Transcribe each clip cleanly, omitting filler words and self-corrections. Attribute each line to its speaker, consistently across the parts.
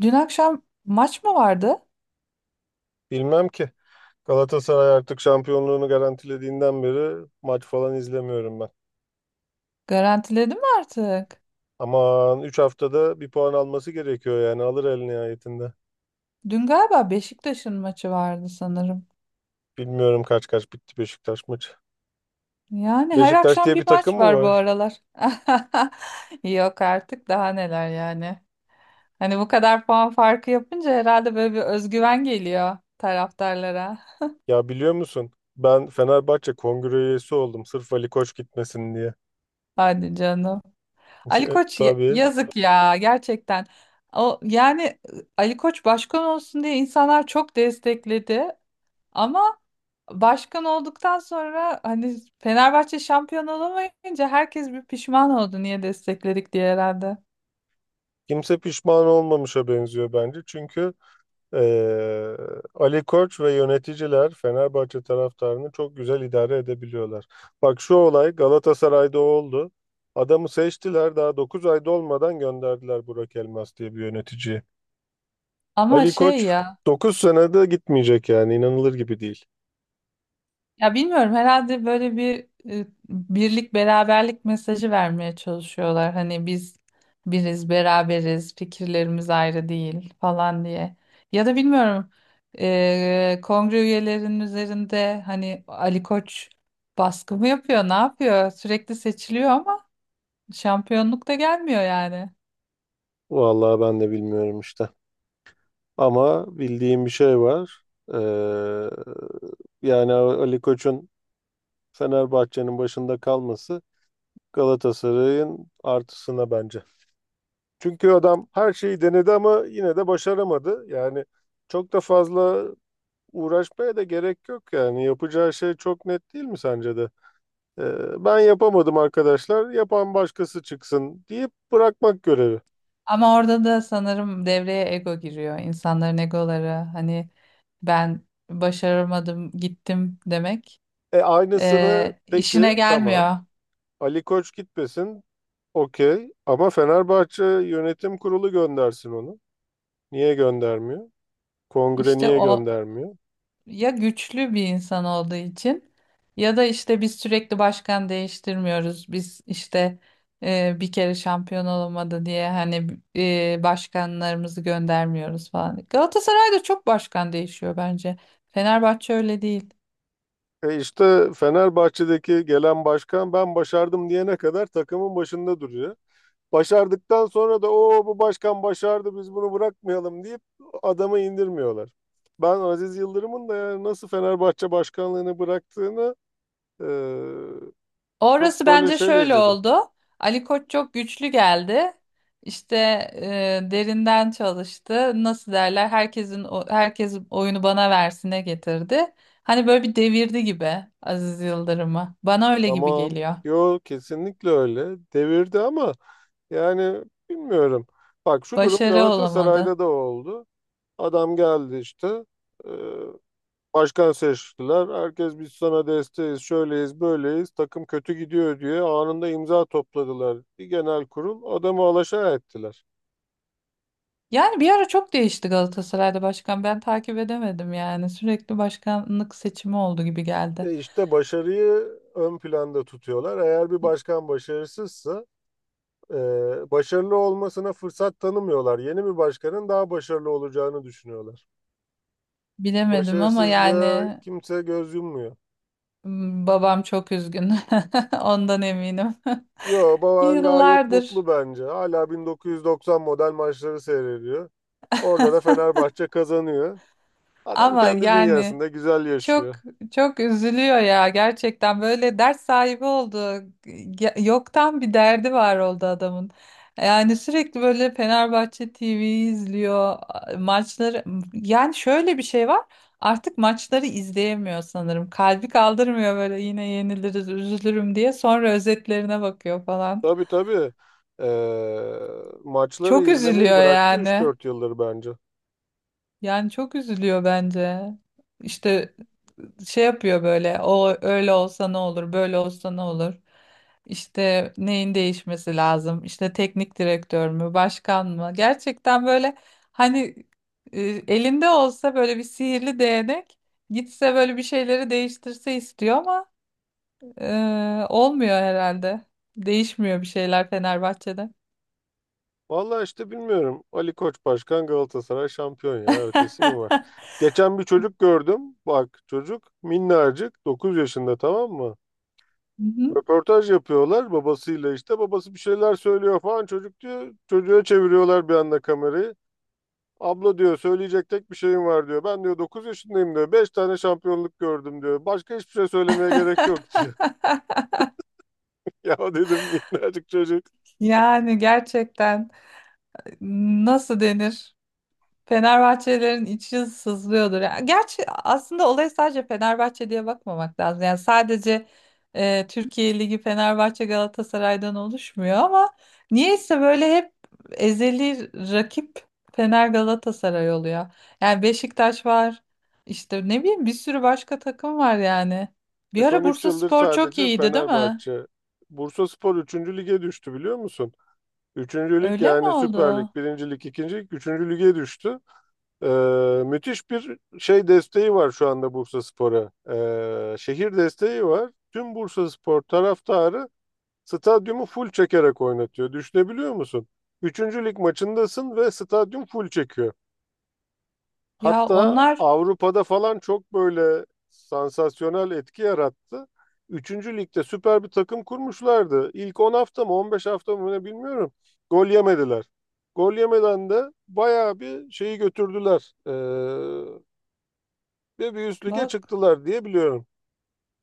Speaker 1: Dün akşam maç mı vardı?
Speaker 2: Bilmem ki. Galatasaray artık şampiyonluğunu garantilediğinden beri maç falan izlemiyorum ben.
Speaker 1: Garantiledim artık.
Speaker 2: Aman 3 haftada bir puan alması gerekiyor yani alır el nihayetinde.
Speaker 1: Dün galiba Beşiktaş'ın maçı vardı sanırım.
Speaker 2: Bilmiyorum kaç kaç bitti Beşiktaş maçı.
Speaker 1: Yani her
Speaker 2: Beşiktaş
Speaker 1: akşam
Speaker 2: diye bir
Speaker 1: bir
Speaker 2: takım
Speaker 1: maç
Speaker 2: mı
Speaker 1: var bu
Speaker 2: var?
Speaker 1: aralar. Yok artık daha neler yani. Hani bu kadar puan farkı yapınca herhalde böyle bir özgüven geliyor taraftarlara.
Speaker 2: Ya biliyor musun? Ben Fenerbahçe kongre üyesi oldum sırf Ali Koç gitmesin diye.
Speaker 1: Hadi canım. Ali Koç
Speaker 2: Tabii.
Speaker 1: yazık ya gerçekten. O yani Ali Koç başkan olsun diye insanlar çok destekledi ama başkan olduktan sonra hani Fenerbahçe şampiyon olamayınca herkes bir pişman oldu niye destekledik diye herhalde.
Speaker 2: Kimse pişman olmamışa benziyor bence. Çünkü Ee, Ali Koç ve yöneticiler Fenerbahçe taraftarını çok güzel idare edebiliyorlar. Bak şu olay Galatasaray'da oldu. Adamı seçtiler daha 9 ayda olmadan gönderdiler Burak Elmas diye bir yöneticiyi.
Speaker 1: Ama
Speaker 2: Ali
Speaker 1: şey
Speaker 2: Koç
Speaker 1: ya
Speaker 2: 9 senede gitmeyecek yani inanılır gibi değil.
Speaker 1: ya bilmiyorum herhalde böyle bir birlik beraberlik mesajı vermeye çalışıyorlar. Hani biz biriz beraberiz fikirlerimiz ayrı değil falan diye. Ya da bilmiyorum kongre üyelerinin üzerinde hani Ali Koç baskı mı yapıyor ne yapıyor sürekli seçiliyor ama şampiyonluk da gelmiyor yani.
Speaker 2: Vallahi ben de bilmiyorum işte. Ama bildiğim bir şey var. Ee, yani Ali Koç'un Fenerbahçe'nin başında kalması Galatasaray'ın artısına bence. Çünkü adam her şeyi denedi ama yine de başaramadı. Yani çok da fazla uğraşmaya da gerek yok yani. Yapacağı şey çok net değil mi sence de? Ben yapamadım arkadaşlar, yapan başkası çıksın deyip bırakmak görevi.
Speaker 1: Ama orada da sanırım devreye ego giriyor. İnsanların egoları hani ben başaramadım gittim demek
Speaker 2: E aynısını
Speaker 1: işine
Speaker 2: peki tamam.
Speaker 1: gelmiyor.
Speaker 2: Ali Koç gitmesin okey ama Fenerbahçe Yönetim Kurulu göndersin onu. Niye göndermiyor? Kongre
Speaker 1: İşte
Speaker 2: niye
Speaker 1: o
Speaker 2: göndermiyor?
Speaker 1: ya güçlü bir insan olduğu için ya da işte biz sürekli başkan değiştirmiyoruz. Biz işte bir kere şampiyon olamadı diye hani başkanlarımızı göndermiyoruz falan. Galatasaray'da çok başkan değişiyor bence. Fenerbahçe öyle değil.
Speaker 2: E işte Fenerbahçe'deki gelen başkan ben başardım diyene kadar takımın başında duruyor. Başardıktan sonra da o bu başkan başardı biz bunu bırakmayalım deyip adamı indirmiyorlar. Ben Aziz Yıldırım'ın da yani nasıl Fenerbahçe başkanlığını bıraktığını e, çok
Speaker 1: Orası
Speaker 2: böyle
Speaker 1: bence
Speaker 2: şeyle
Speaker 1: şöyle
Speaker 2: izledim.
Speaker 1: oldu. Ali Koç çok güçlü geldi. İşte derinden çalıştı. Nasıl derler? Herkesin herkes oyunu bana versine getirdi. Hani böyle bir devirdi gibi Aziz Yıldırım'ı. Bana öyle gibi
Speaker 2: Tamam.
Speaker 1: geliyor.
Speaker 2: Yo kesinlikle öyle. Devirdi ama yani bilmiyorum. Bak şu durum
Speaker 1: Başarı olamadı.
Speaker 2: Galatasaray'da da oldu. Adam geldi işte. e, Başkan seçtiler. Herkes biz sana desteğiz, şöyleyiz, böyleyiz. Takım kötü gidiyor diye anında imza topladılar. Bir genel kurul adamı alaşağı ettiler.
Speaker 1: Yani bir ara çok değişti Galatasaray'da başkan. Ben takip edemedim yani. Sürekli başkanlık seçimi oldu gibi geldi.
Speaker 2: E işte başarıyı ön planda tutuyorlar. Eğer bir başkan başarısızsa e, başarılı olmasına fırsat tanımıyorlar. Yeni bir başkanın daha başarılı olacağını düşünüyorlar.
Speaker 1: Bilemedim ama
Speaker 2: Başarısızlığa
Speaker 1: yani
Speaker 2: kimse göz yummuyor.
Speaker 1: babam çok üzgün. Ondan eminim.
Speaker 2: Yo, Bavan gayet
Speaker 1: Yıllardır.
Speaker 2: mutlu bence. Hala 1990 model maçları seyrediyor. Orada da Fenerbahçe kazanıyor. Adam
Speaker 1: Ama
Speaker 2: kendi
Speaker 1: yani
Speaker 2: dünyasında güzel
Speaker 1: çok
Speaker 2: yaşıyor.
Speaker 1: çok üzülüyor ya gerçekten böyle dert sahibi oldu. Yoktan bir derdi var oldu adamın. Yani sürekli böyle Fenerbahçe TV'yi izliyor, maçları. Yani şöyle bir şey var. Artık maçları izleyemiyor sanırım. Kalbi kaldırmıyor böyle yine yeniliriz, üzülürüm diye. Sonra özetlerine bakıyor falan.
Speaker 2: Tabii tabii. Ee, maçları
Speaker 1: Çok
Speaker 2: izlemeyi
Speaker 1: üzülüyor
Speaker 2: bıraktı üç
Speaker 1: yani.
Speaker 2: dört yıldır bence.
Speaker 1: Yani çok üzülüyor bence. İşte şey yapıyor böyle. O öyle olsa ne olur, böyle olsa ne olur. İşte neyin değişmesi lazım? İşte teknik direktör mü, başkan mı? Gerçekten böyle hani e, elinde olsa böyle bir sihirli değnek gitse böyle bir şeyleri değiştirse istiyor ama olmuyor herhalde. Değişmiyor bir şeyler Fenerbahçe'de.
Speaker 2: Vallahi işte bilmiyorum. Ali Koç Başkan Galatasaray şampiyon ya. Ötesi mi var? Geçen bir çocuk gördüm. Bak çocuk minnacık 9 yaşında tamam mı?
Speaker 1: Hı hı.
Speaker 2: Röportaj yapıyorlar babasıyla işte. Babası bir şeyler söylüyor falan. Çocuk diyor çocuğa çeviriyorlar bir anda kamerayı. Abla diyor söyleyecek tek bir şeyim var diyor. Ben diyor 9 yaşındayım diyor. 5 tane şampiyonluk gördüm diyor. Başka hiçbir şey söylemeye gerek yok diyor. Ya dedim minnacık çocuk.
Speaker 1: Yani gerçekten nasıl denir? Fenerbahçelerin içi sızlıyordur. Yani gerçi aslında olaya sadece Fenerbahçe diye bakmamak lazım. Yani sadece Türkiye Ligi Fenerbahçe Galatasaray'dan oluşmuyor ama niyeyse böyle hep ezeli rakip Fener Galatasaray oluyor. Yani Beşiktaş var. İşte ne bileyim bir sürü başka takım var yani.
Speaker 2: E
Speaker 1: Bir ara
Speaker 2: son 3 yıldır
Speaker 1: Bursaspor çok
Speaker 2: sadece
Speaker 1: iyiydi, değil mi?
Speaker 2: Fenerbahçe. Bursaspor üçüncü lige düştü biliyor musun? Üçüncü lig
Speaker 1: Öyle mi
Speaker 2: yani Süper Lig,
Speaker 1: oldu?
Speaker 2: 1. Lig, 2. Lig, 3. lige düştü. Ee, müthiş bir şey desteği var şu anda Bursaspor'a. Şehir desteği var. Tüm Bursaspor taraftarı stadyumu full çekerek oynatıyor. Düşünebiliyor musun? Üçüncü lig maçındasın ve stadyum full çekiyor.
Speaker 1: Ya
Speaker 2: Hatta
Speaker 1: onlar
Speaker 2: Avrupa'da falan çok böyle sansasyonel etki yarattı. Üçüncü ligde süper bir takım kurmuşlardı. İlk 10 hafta mı 15 hafta mı ne bilmiyorum. Gol yemediler. Gol yemeden de bayağı bir şeyi götürdüler. Ve bir üst lige
Speaker 1: bak
Speaker 2: çıktılar diye biliyorum.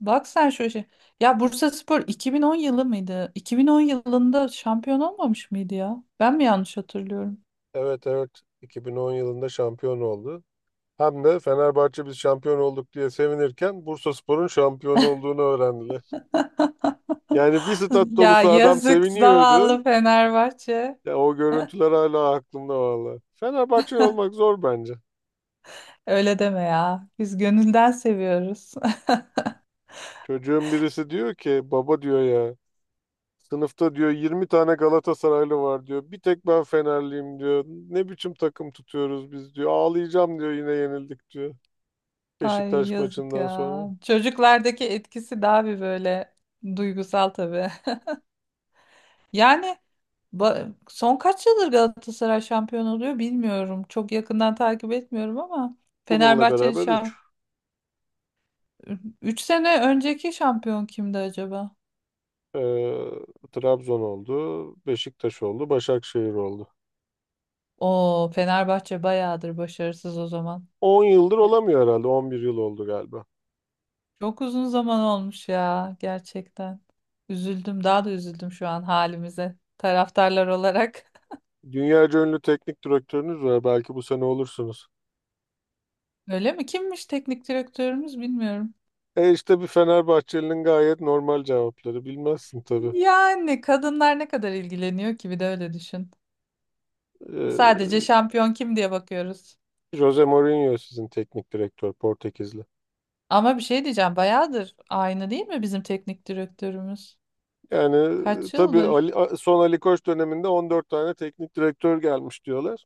Speaker 1: Bak sen şöyle şey. Ya Bursaspor 2010 yılı mıydı? 2010 yılında şampiyon olmamış mıydı ya? Ben mi yanlış hatırlıyorum?
Speaker 2: Evet evet, 2010 yılında şampiyon oldu. Hem de Fenerbahçe biz şampiyon olduk diye sevinirken Bursaspor'un şampiyon olduğunu öğrendiler. Yani bir stat
Speaker 1: Ya
Speaker 2: dolusu adam
Speaker 1: yazık
Speaker 2: seviniyordu.
Speaker 1: zavallı Fenerbahçe.
Speaker 2: Ya o görüntüler hala aklımda valla. Fenerbahçe olmak zor bence.
Speaker 1: Öyle deme ya. Biz gönülden seviyoruz.
Speaker 2: Çocuğun birisi diyor ki baba diyor ya sınıfta diyor 20 tane Galatasaraylı var diyor. Bir tek ben Fenerliyim diyor. Ne biçim takım tutuyoruz biz diyor. Ağlayacağım diyor yine yenildik diyor.
Speaker 1: Ay
Speaker 2: Beşiktaş
Speaker 1: yazık
Speaker 2: maçından sonra.
Speaker 1: ya. Çocuklardaki etkisi daha bir böyle duygusal tabii. Yani son kaç yıldır Galatasaray şampiyon oluyor bilmiyorum. Çok yakından takip etmiyorum ama
Speaker 2: Bununla
Speaker 1: Fenerbahçe'nin
Speaker 2: beraber 3.
Speaker 1: şampiyon 3 sene önceki şampiyon kimdi acaba?
Speaker 2: Ee, Trabzon oldu, Beşiktaş oldu, Başakşehir oldu.
Speaker 1: O Fenerbahçe bayağıdır başarısız o zaman.
Speaker 2: 10 yıldır olamıyor herhalde. 11 yıl oldu galiba.
Speaker 1: Çok uzun zaman olmuş ya gerçekten. Üzüldüm, daha da üzüldüm şu an halimize taraftarlar olarak.
Speaker 2: Dünyaca ünlü teknik direktörünüz var. Belki bu sene olursunuz.
Speaker 1: Öyle mi? Kimmiş teknik direktörümüz bilmiyorum.
Speaker 2: E işte bir Fenerbahçeli'nin gayet normal cevapları. Bilmezsin tabii.
Speaker 1: Yani kadınlar ne kadar ilgileniyor ki bir de öyle düşün. Sadece
Speaker 2: Ee,
Speaker 1: şampiyon kim diye bakıyoruz.
Speaker 2: Jose Mourinho sizin teknik direktör Portekizli.
Speaker 1: Ama bir şey diyeceğim bayağıdır aynı değil mi bizim teknik direktörümüz?
Speaker 2: Yani
Speaker 1: Kaç
Speaker 2: tabii
Speaker 1: yıldır?
Speaker 2: Ali, son Ali Koç döneminde 14 tane teknik direktör gelmiş diyorlar.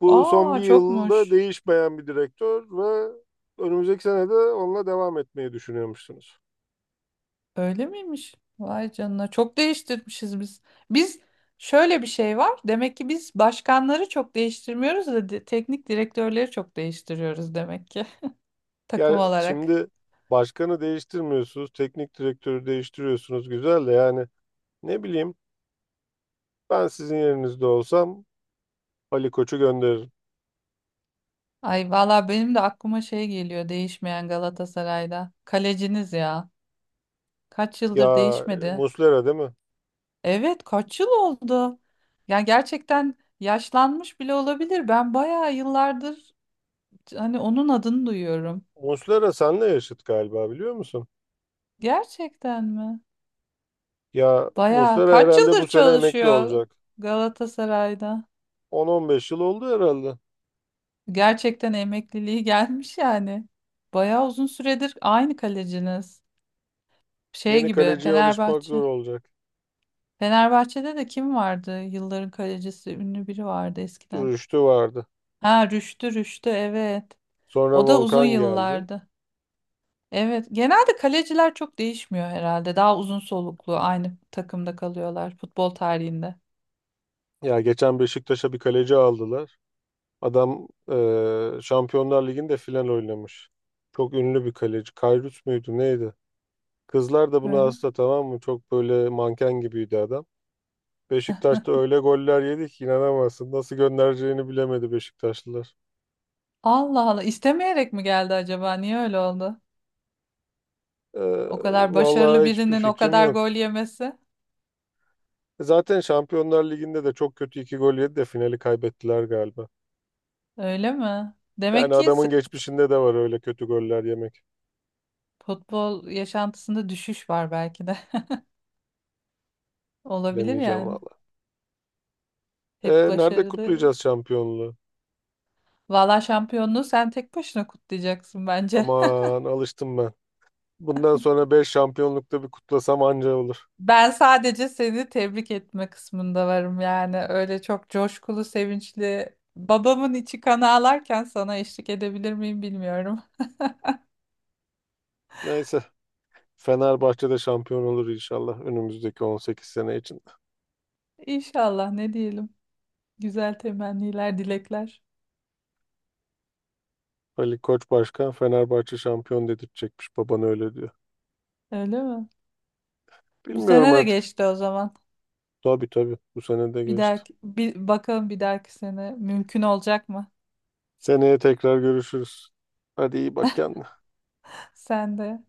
Speaker 2: Bu son bir
Speaker 1: Aa
Speaker 2: yılda
Speaker 1: çokmuş.
Speaker 2: değişmeyen bir direktör ve önümüzdeki sene de onunla devam etmeyi düşünüyormuşsunuz.
Speaker 1: Öyle miymiş? Vay canına. Çok değiştirmişiz biz. Biz şöyle bir şey var. Demek ki biz başkanları çok değiştirmiyoruz da teknik direktörleri çok değiştiriyoruz demek ki takım
Speaker 2: Yani
Speaker 1: olarak.
Speaker 2: şimdi başkanı değiştirmiyorsunuz, teknik direktörü değiştiriyorsunuz. Güzel de yani ne bileyim ben sizin yerinizde olsam Ali Koç'u gönderirim.
Speaker 1: Ay valla benim de aklıma şey geliyor değişmeyen Galatasaray'da. Kaleciniz ya. Kaç
Speaker 2: Ya
Speaker 1: yıldır değişmedi.
Speaker 2: Muslera değil mi?
Speaker 1: Evet kaç yıl oldu. Ya gerçekten yaşlanmış bile olabilir. Ben bayağı yıllardır hani onun adını duyuyorum.
Speaker 2: Muslera senle yaşıt galiba biliyor musun?
Speaker 1: Gerçekten mi?
Speaker 2: Ya
Speaker 1: Bayağı
Speaker 2: Muslera
Speaker 1: kaç
Speaker 2: herhalde bu
Speaker 1: yıldır
Speaker 2: sene emekli
Speaker 1: çalışıyor
Speaker 2: olacak.
Speaker 1: Galatasaray'da.
Speaker 2: 10-15 yıl oldu herhalde.
Speaker 1: Gerçekten emekliliği gelmiş yani. Bayağı uzun süredir aynı kaleciniz. Şey
Speaker 2: Yeni
Speaker 1: gibi
Speaker 2: kaleciye alışmak zor
Speaker 1: Fenerbahçe.
Speaker 2: olacak.
Speaker 1: Fenerbahçe'de de kim vardı? Yılların kalecisi ünlü biri vardı eskiden.
Speaker 2: Rüştü vardı.
Speaker 1: Ha Rüştü Rüştü evet.
Speaker 2: Sonra
Speaker 1: O da uzun
Speaker 2: Volkan geldi.
Speaker 1: yıllardı. Evet, genelde kaleciler çok değişmiyor herhalde. Daha uzun soluklu aynı takımda kalıyorlar futbol tarihinde.
Speaker 2: Ya geçen Beşiktaş'a bir kaleci aldılar. Adam Şampiyonlar Ligi'nde final oynamış. Çok ünlü bir kaleci. Kayrut muydu neydi? Kızlar da buna
Speaker 1: Öyle.
Speaker 2: hasta tamam mı? Çok böyle manken gibiydi adam. Beşiktaş'ta öyle goller yedik ki inanamazsın. Nasıl göndereceğini bilemedi Beşiktaşlılar.
Speaker 1: Allah Allah istemeyerek mi geldi acaba? Niye öyle oldu?
Speaker 2: Eee
Speaker 1: O kadar başarılı
Speaker 2: vallahi hiçbir
Speaker 1: birinin o
Speaker 2: fikrim
Speaker 1: kadar
Speaker 2: yok.
Speaker 1: gol yemesi.
Speaker 2: Zaten Şampiyonlar Ligi'nde de çok kötü iki gol yedi de finali kaybettiler galiba.
Speaker 1: Öyle mi? Demek
Speaker 2: Yani
Speaker 1: ki
Speaker 2: adamın geçmişinde de var öyle kötü goller yemek.
Speaker 1: futbol yaşantısında düşüş var belki de. Olabilir
Speaker 2: Bilemeyeceğim
Speaker 1: yani.
Speaker 2: vallahi.
Speaker 1: Hep
Speaker 2: Nerede
Speaker 1: başarılı.
Speaker 2: kutlayacağız şampiyonluğu?
Speaker 1: Valla şampiyonluğu sen tek başına kutlayacaksın bence.
Speaker 2: Aman alıştım ben. Bundan sonra 5 şampiyonlukta bir kutlasam anca olur.
Speaker 1: Ben sadece seni tebrik etme kısmında varım yani. Öyle çok coşkulu, sevinçli. Babamın içi kan ağlarken sana eşlik edebilir miyim bilmiyorum.
Speaker 2: Neyse. Fenerbahçe'de şampiyon olur inşallah önümüzdeki 18 sene için.
Speaker 1: İnşallah ne diyelim. Güzel temenniler, dilekler.
Speaker 2: Ali Koç Başkan Fenerbahçe şampiyon dedirtecekmiş. Baban öyle diyor.
Speaker 1: Öyle mi? Bu
Speaker 2: Bilmiyorum
Speaker 1: sene de
Speaker 2: artık.
Speaker 1: geçti o zaman.
Speaker 2: Tabii tabii. Bu sene de
Speaker 1: Bir
Speaker 2: geçti.
Speaker 1: dahaki, bakalım bir dahaki sene mümkün olacak mı?
Speaker 2: Seneye tekrar görüşürüz. Hadi iyi bak kendine.
Speaker 1: Sen de.